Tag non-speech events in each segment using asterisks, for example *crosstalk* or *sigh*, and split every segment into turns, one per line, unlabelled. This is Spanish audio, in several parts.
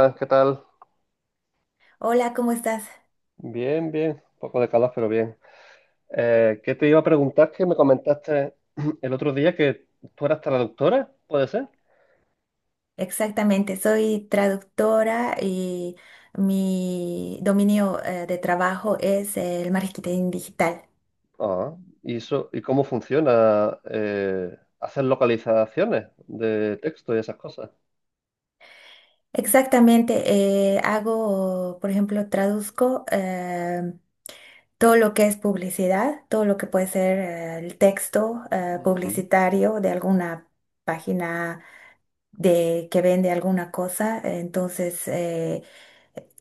Hola, ¿qué tal?
Hola, ¿cómo estás?
Bien, bien, un poco de calor, pero bien. ¿Qué te iba a preguntar? Que me comentaste *clears throat* el otro día que tú eras traductora, ¿puede ser?
Exactamente, soy traductora y mi dominio de trabajo es el marketing digital.
Ah, ¿y eso, y cómo funciona? ¿Hacer localizaciones de texto y esas cosas?
Exactamente, hago, por ejemplo, traduzco todo lo que es publicidad, todo lo que puede ser el texto
Mm.
publicitario de alguna página de que vende alguna cosa. Entonces,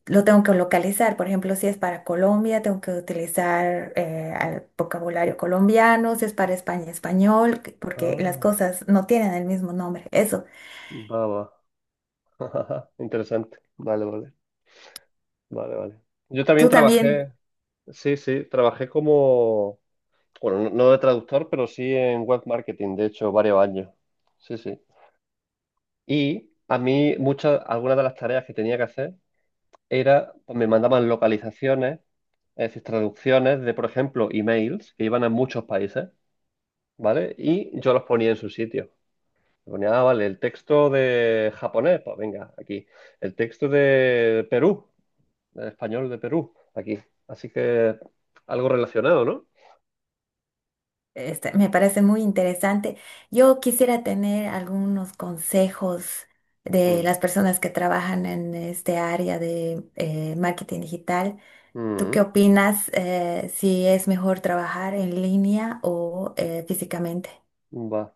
lo tengo que localizar, por ejemplo, si es para Colombia, tengo que utilizar al vocabulario colombiano, si es para España, español, porque las
Ah,
cosas no tienen el mismo nombre. Eso,
va, va. *laughs* Interesante. Vale, vale, vale, vale. Yo también
tú también,
trabajé, sí, sí, trabajé como, bueno, no de traductor, pero sí en web marketing, de hecho, varios años. Sí, sí. Y a mí, muchas, algunas de las tareas que tenía que hacer era, pues me mandaban localizaciones, es decir, traducciones de, por ejemplo, emails que iban a muchos países, ¿vale? Y yo los ponía en su sitio. Ponía, ah, vale, el texto de japonés, pues venga, aquí. El texto de Perú, de español de Perú, aquí. Así que algo relacionado, ¿no?
este, me parece muy interesante. Yo quisiera tener algunos consejos de
Mm,
las personas que trabajan en este área de marketing digital. ¿Tú qué
mm,
opinas, si es mejor trabajar en línea o físicamente?
va.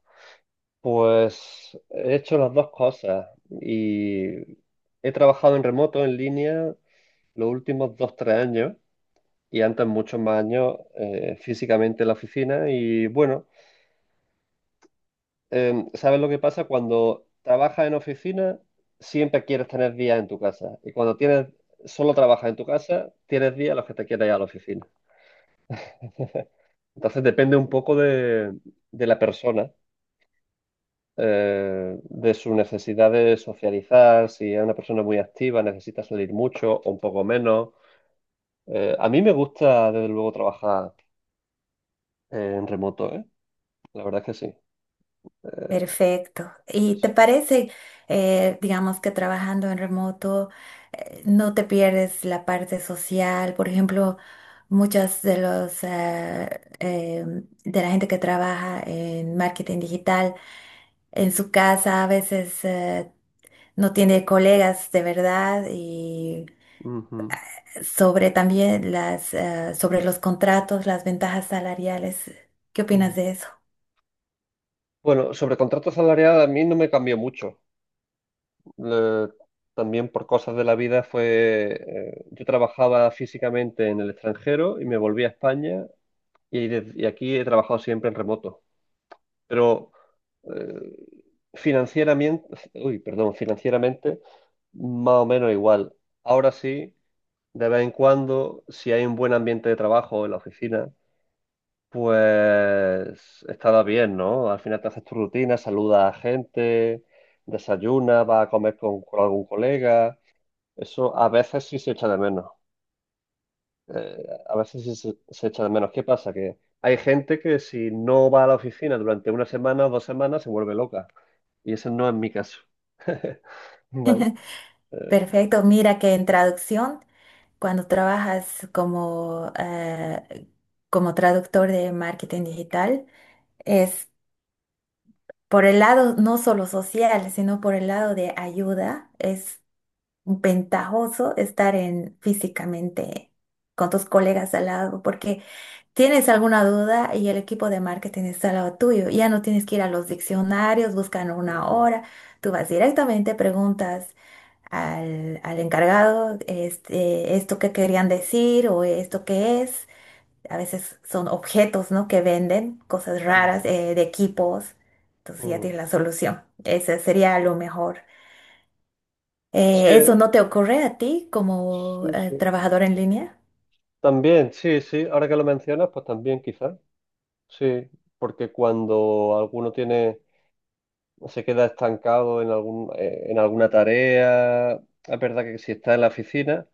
Pues he hecho las dos cosas y he trabajado en remoto, en línea, los últimos 2, 3 años y antes muchos más años físicamente en la oficina. Y bueno, ¿sabes lo que pasa? Cuando trabajas en oficina, siempre quieres tener días en tu casa. Y cuando tienes, solo trabajas en tu casa, tienes días en los que te quieres ir a la oficina. Entonces depende un poco de la persona. De su necesidad de socializar, si es una persona muy activa, necesita salir mucho o un poco menos. A mí me gusta, desde luego, trabajar en remoto, ¿eh? La verdad es que sí.
Perfecto. ¿Y te parece, digamos que trabajando en remoto, no te pierdes la parte social? Por ejemplo, muchas de los de la gente que trabaja en marketing digital en su casa a veces, no tiene colegas de verdad y
Ujú.
sobre también las sobre los contratos, las ventajas salariales. ¿Qué opinas
Mm.
de eso?
Bueno, sobre contrato salarial a mí no me cambió mucho. Le- También por cosas de la vida fue, yo trabajaba físicamente en el extranjero y me volví a España y aquí he trabajado siempre en remoto. Pero eh, financieramente, uy, perdón, financieramente más o menos igual. Ahora sí, de vez en cuando, si hay un buen ambiente de trabajo en la oficina, pues estaba bien, ¿no? Al final te haces tu rutina, saludas a gente, desayunas, vas a comer con algún colega. Eso a veces sí se echa de menos. Eh, a veces sí se echa de menos. ¿Qué pasa? Que hay gente que si no va a la oficina durante una semana o 2 semanas se vuelve loca. Y ese no es mi caso. *laughs* Vale. Eh,
Perfecto. Mira que en traducción, cuando trabajas como, como traductor de marketing digital, es por el lado no solo social, sino por el lado de ayuda, es ventajoso estar en físicamente con tus colegas al lado, porque tienes alguna duda y el equipo de marketing está al lado tuyo. Ya no tienes que ir a los diccionarios, buscan una
mm,
hora, tú vas directamente, preguntas al, al encargado este, esto que querían decir o esto que es. A veces son objetos, ¿no?, que venden, cosas
mm,
raras, de equipos. Entonces ya
mm.
tienes la solución. Ese sería lo mejor.
Sí,
Eh, ¿eso no te ocurre a ti como,
sí, sí.
trabajador en línea?
También, sí, sí. Ahora que lo mencionas, pues también quizás. Sí, porque cuando alguno tiene, se queda estancado en alguna tarea, es verdad que si está en la oficina,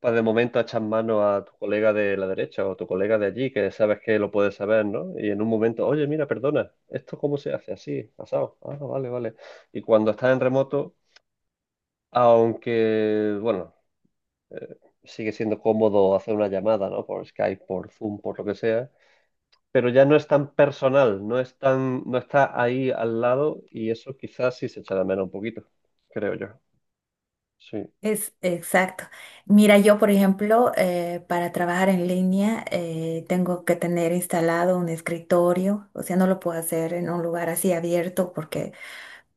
pues de momento echas mano a tu colega de la derecha o tu colega de allí, que sabes que lo puedes saber, ¿no? Y en un momento, oye, mira, perdona, ¿esto cómo se hace? Así, pasado. Ah, vale, vale. Y cuando estás en remoto, aunque, bueno, sigue siendo cómodo hacer una llamada, ¿no? Por Skype, por Zoom, por lo que sea, pero ya no es tan personal, no es tan, no está ahí al lado y eso quizás sí se echa de menos un poquito, creo yo. Sí.
Es exacto. Mira, yo, por ejemplo, para trabajar en línea tengo que tener instalado un escritorio, o sea, no lo puedo hacer en un lugar así abierto porque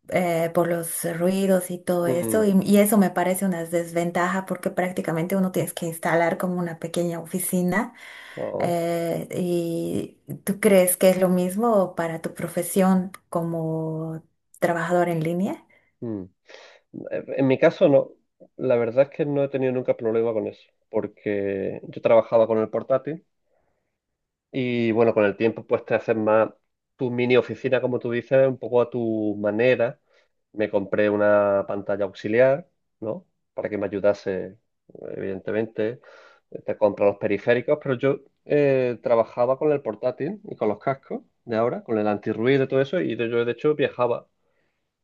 por los ruidos y todo
Mm,
eso, y eso me parece una desventaja porque prácticamente uno tienes que instalar como una pequeña oficina.
no,
¿Y tú crees que es lo mismo para tu profesión como trabajador en línea?
mm. En mi caso no, la verdad es que no he tenido nunca problema con eso, porque yo trabajaba con el portátil y bueno, con el tiempo pues te haces más tu mini oficina, como tú dices, un poco a tu manera. Me compré una pantalla auxiliar, ¿no? Para que me ayudase, evidentemente. Te compras los periféricos, pero yo trabajaba con el portátil y con los cascos de ahora, con el antirruido y todo eso, y yo de hecho viajaba.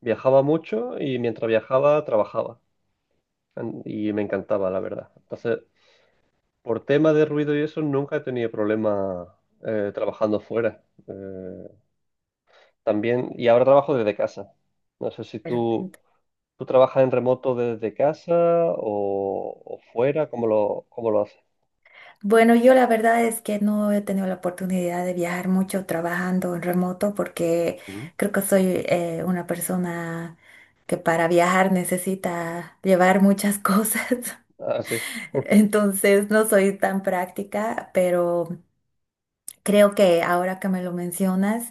Viajaba mucho y mientras viajaba trabajaba. Y me encantaba, la verdad. Entonces, por tema de ruido y eso, nunca he tenido problemas trabajando fuera. También, y ahora trabajo desde casa. No sé si tú.
Perfecto.
¿Tú trabajas en remoto desde casa o fuera? ¿Cómo lo haces?
Bueno, yo la verdad es que no he tenido la oportunidad de viajar mucho trabajando en remoto porque
Ujú,
creo que soy, una persona que para viajar necesita llevar muchas cosas. *laughs*
ah, sí. *laughs*
Entonces no soy tan práctica, pero creo que ahora que me lo mencionas,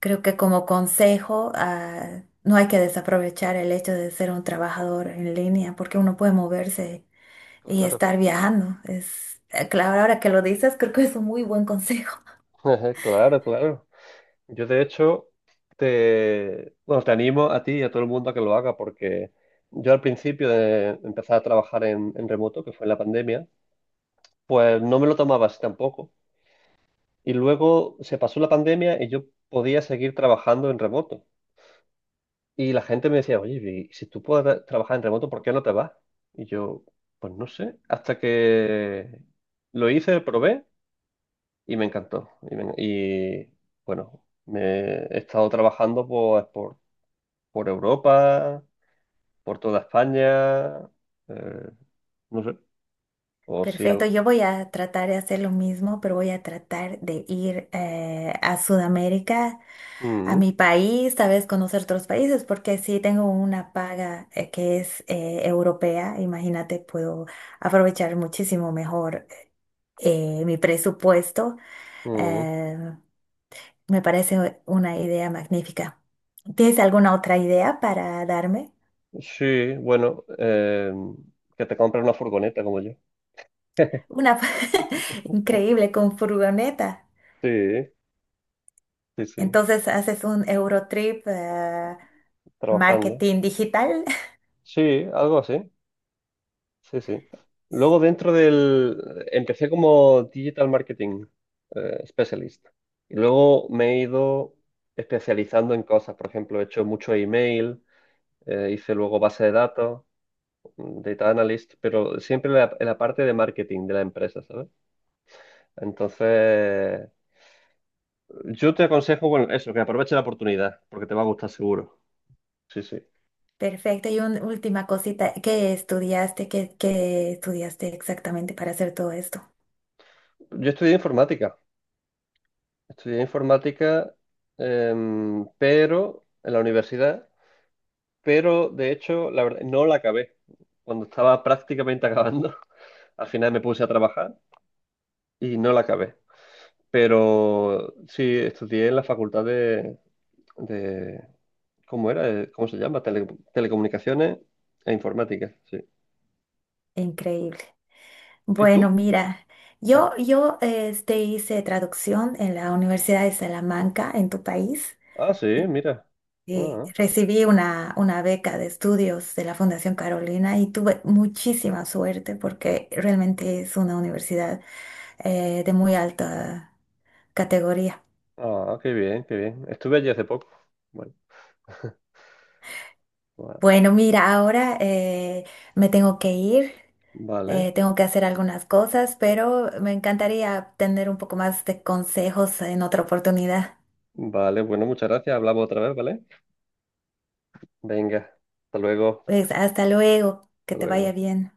creo que como consejo, ah, no hay que desaprovechar el hecho de ser un trabajador en línea, porque uno puede moverse y
Claro.
estar viajando. Es, claro, ahora que lo dices, creo que es un muy buen consejo.
Ejé, claro, claro. Yo de hecho bueno, te animo a ti y a todo el mundo a que lo haga porque yo al principio de empezar a trabajar en remoto, que fue en la pandemia, pues no me lo tomaba así tampoco. Y luego se pasó la pandemia y yo podía seguir trabajando en remoto. Y la gente me decía, oye, y si tú puedes trabajar en remoto, ¿por qué no te vas? Y yo, pues no sé, hasta que lo hice, probé y me encantó. Y, bueno, me he estado trabajando pues, por Europa, por toda España, eh, no sé,
*laughs*
o si
Perfecto,
algo.
yo voy a tratar de hacer lo mismo, pero voy a tratar de ir a Sudamérica, a
Mm,
mi país, tal vez conocer otros países, porque sí tengo una paga que es europea, imagínate, puedo aprovechar muchísimo mejor mi presupuesto.
mm.
eh, Me parece una idea magnífica. ¿Tienes alguna otra idea para darme?
Sí, bueno, que te compre una furgoneta como yo. *laughs*
Una *laughs* increíble con furgoneta.
Sí, sí, sí,
Entonces haces un Eurotrip,
trabajando.
marketing digital.
Sí, algo así. Sí, sí. Luego dentro del. Empecé como Digital Marketing Specialist. Y luego me he ido especializando en cosas. Por ejemplo, he hecho mucho email, hice luego base de datos, Data Analyst, pero siempre en la parte de marketing de la empresa, ¿sabes? Entonces, yo te aconsejo, bueno, eso, que aproveche la oportunidad, porque te va a gustar seguro. Sí, sí.
Perfecto. Y una última cosita, ¿qué estudiaste? ¿¿Qué estudiaste exactamente para hacer todo esto?
Yo estudié informática. Estudié informática, pero en la universidad. Pero de hecho, la verdad, no la acabé. Cuando estaba prácticamente acabando, *laughs* al final me puse a trabajar y no la acabé. Pero sí, estudié en la facultad de ¿cómo era? ¿Cómo se llama? Telecomunicaciones e informática, sí.
Increíble.
¿Y
Bueno,
tú?
mira,
Ah,
yo este, hice traducción en la Universidad de Salamanca, en tu país.
ah, sí, mira.
Y
Ah,
recibí una beca de estudios de la Fundación Carolina y tuve muchísima suerte porque realmente es una universidad de muy alta categoría.
ah, qué bien, qué bien. Estuve allí hace poco. Bueno, va-
Bueno, mira, ahora, me tengo que ir,
vale,
tengo que hacer algunas cosas, pero me encantaría tener un poco más de consejos en otra oportunidad.
vale, bueno, muchas gracias. Hablamos otra vez, ¿vale? Venga, hasta luego,
Pues hasta luego, que
hasta
te vaya
luego.
bien.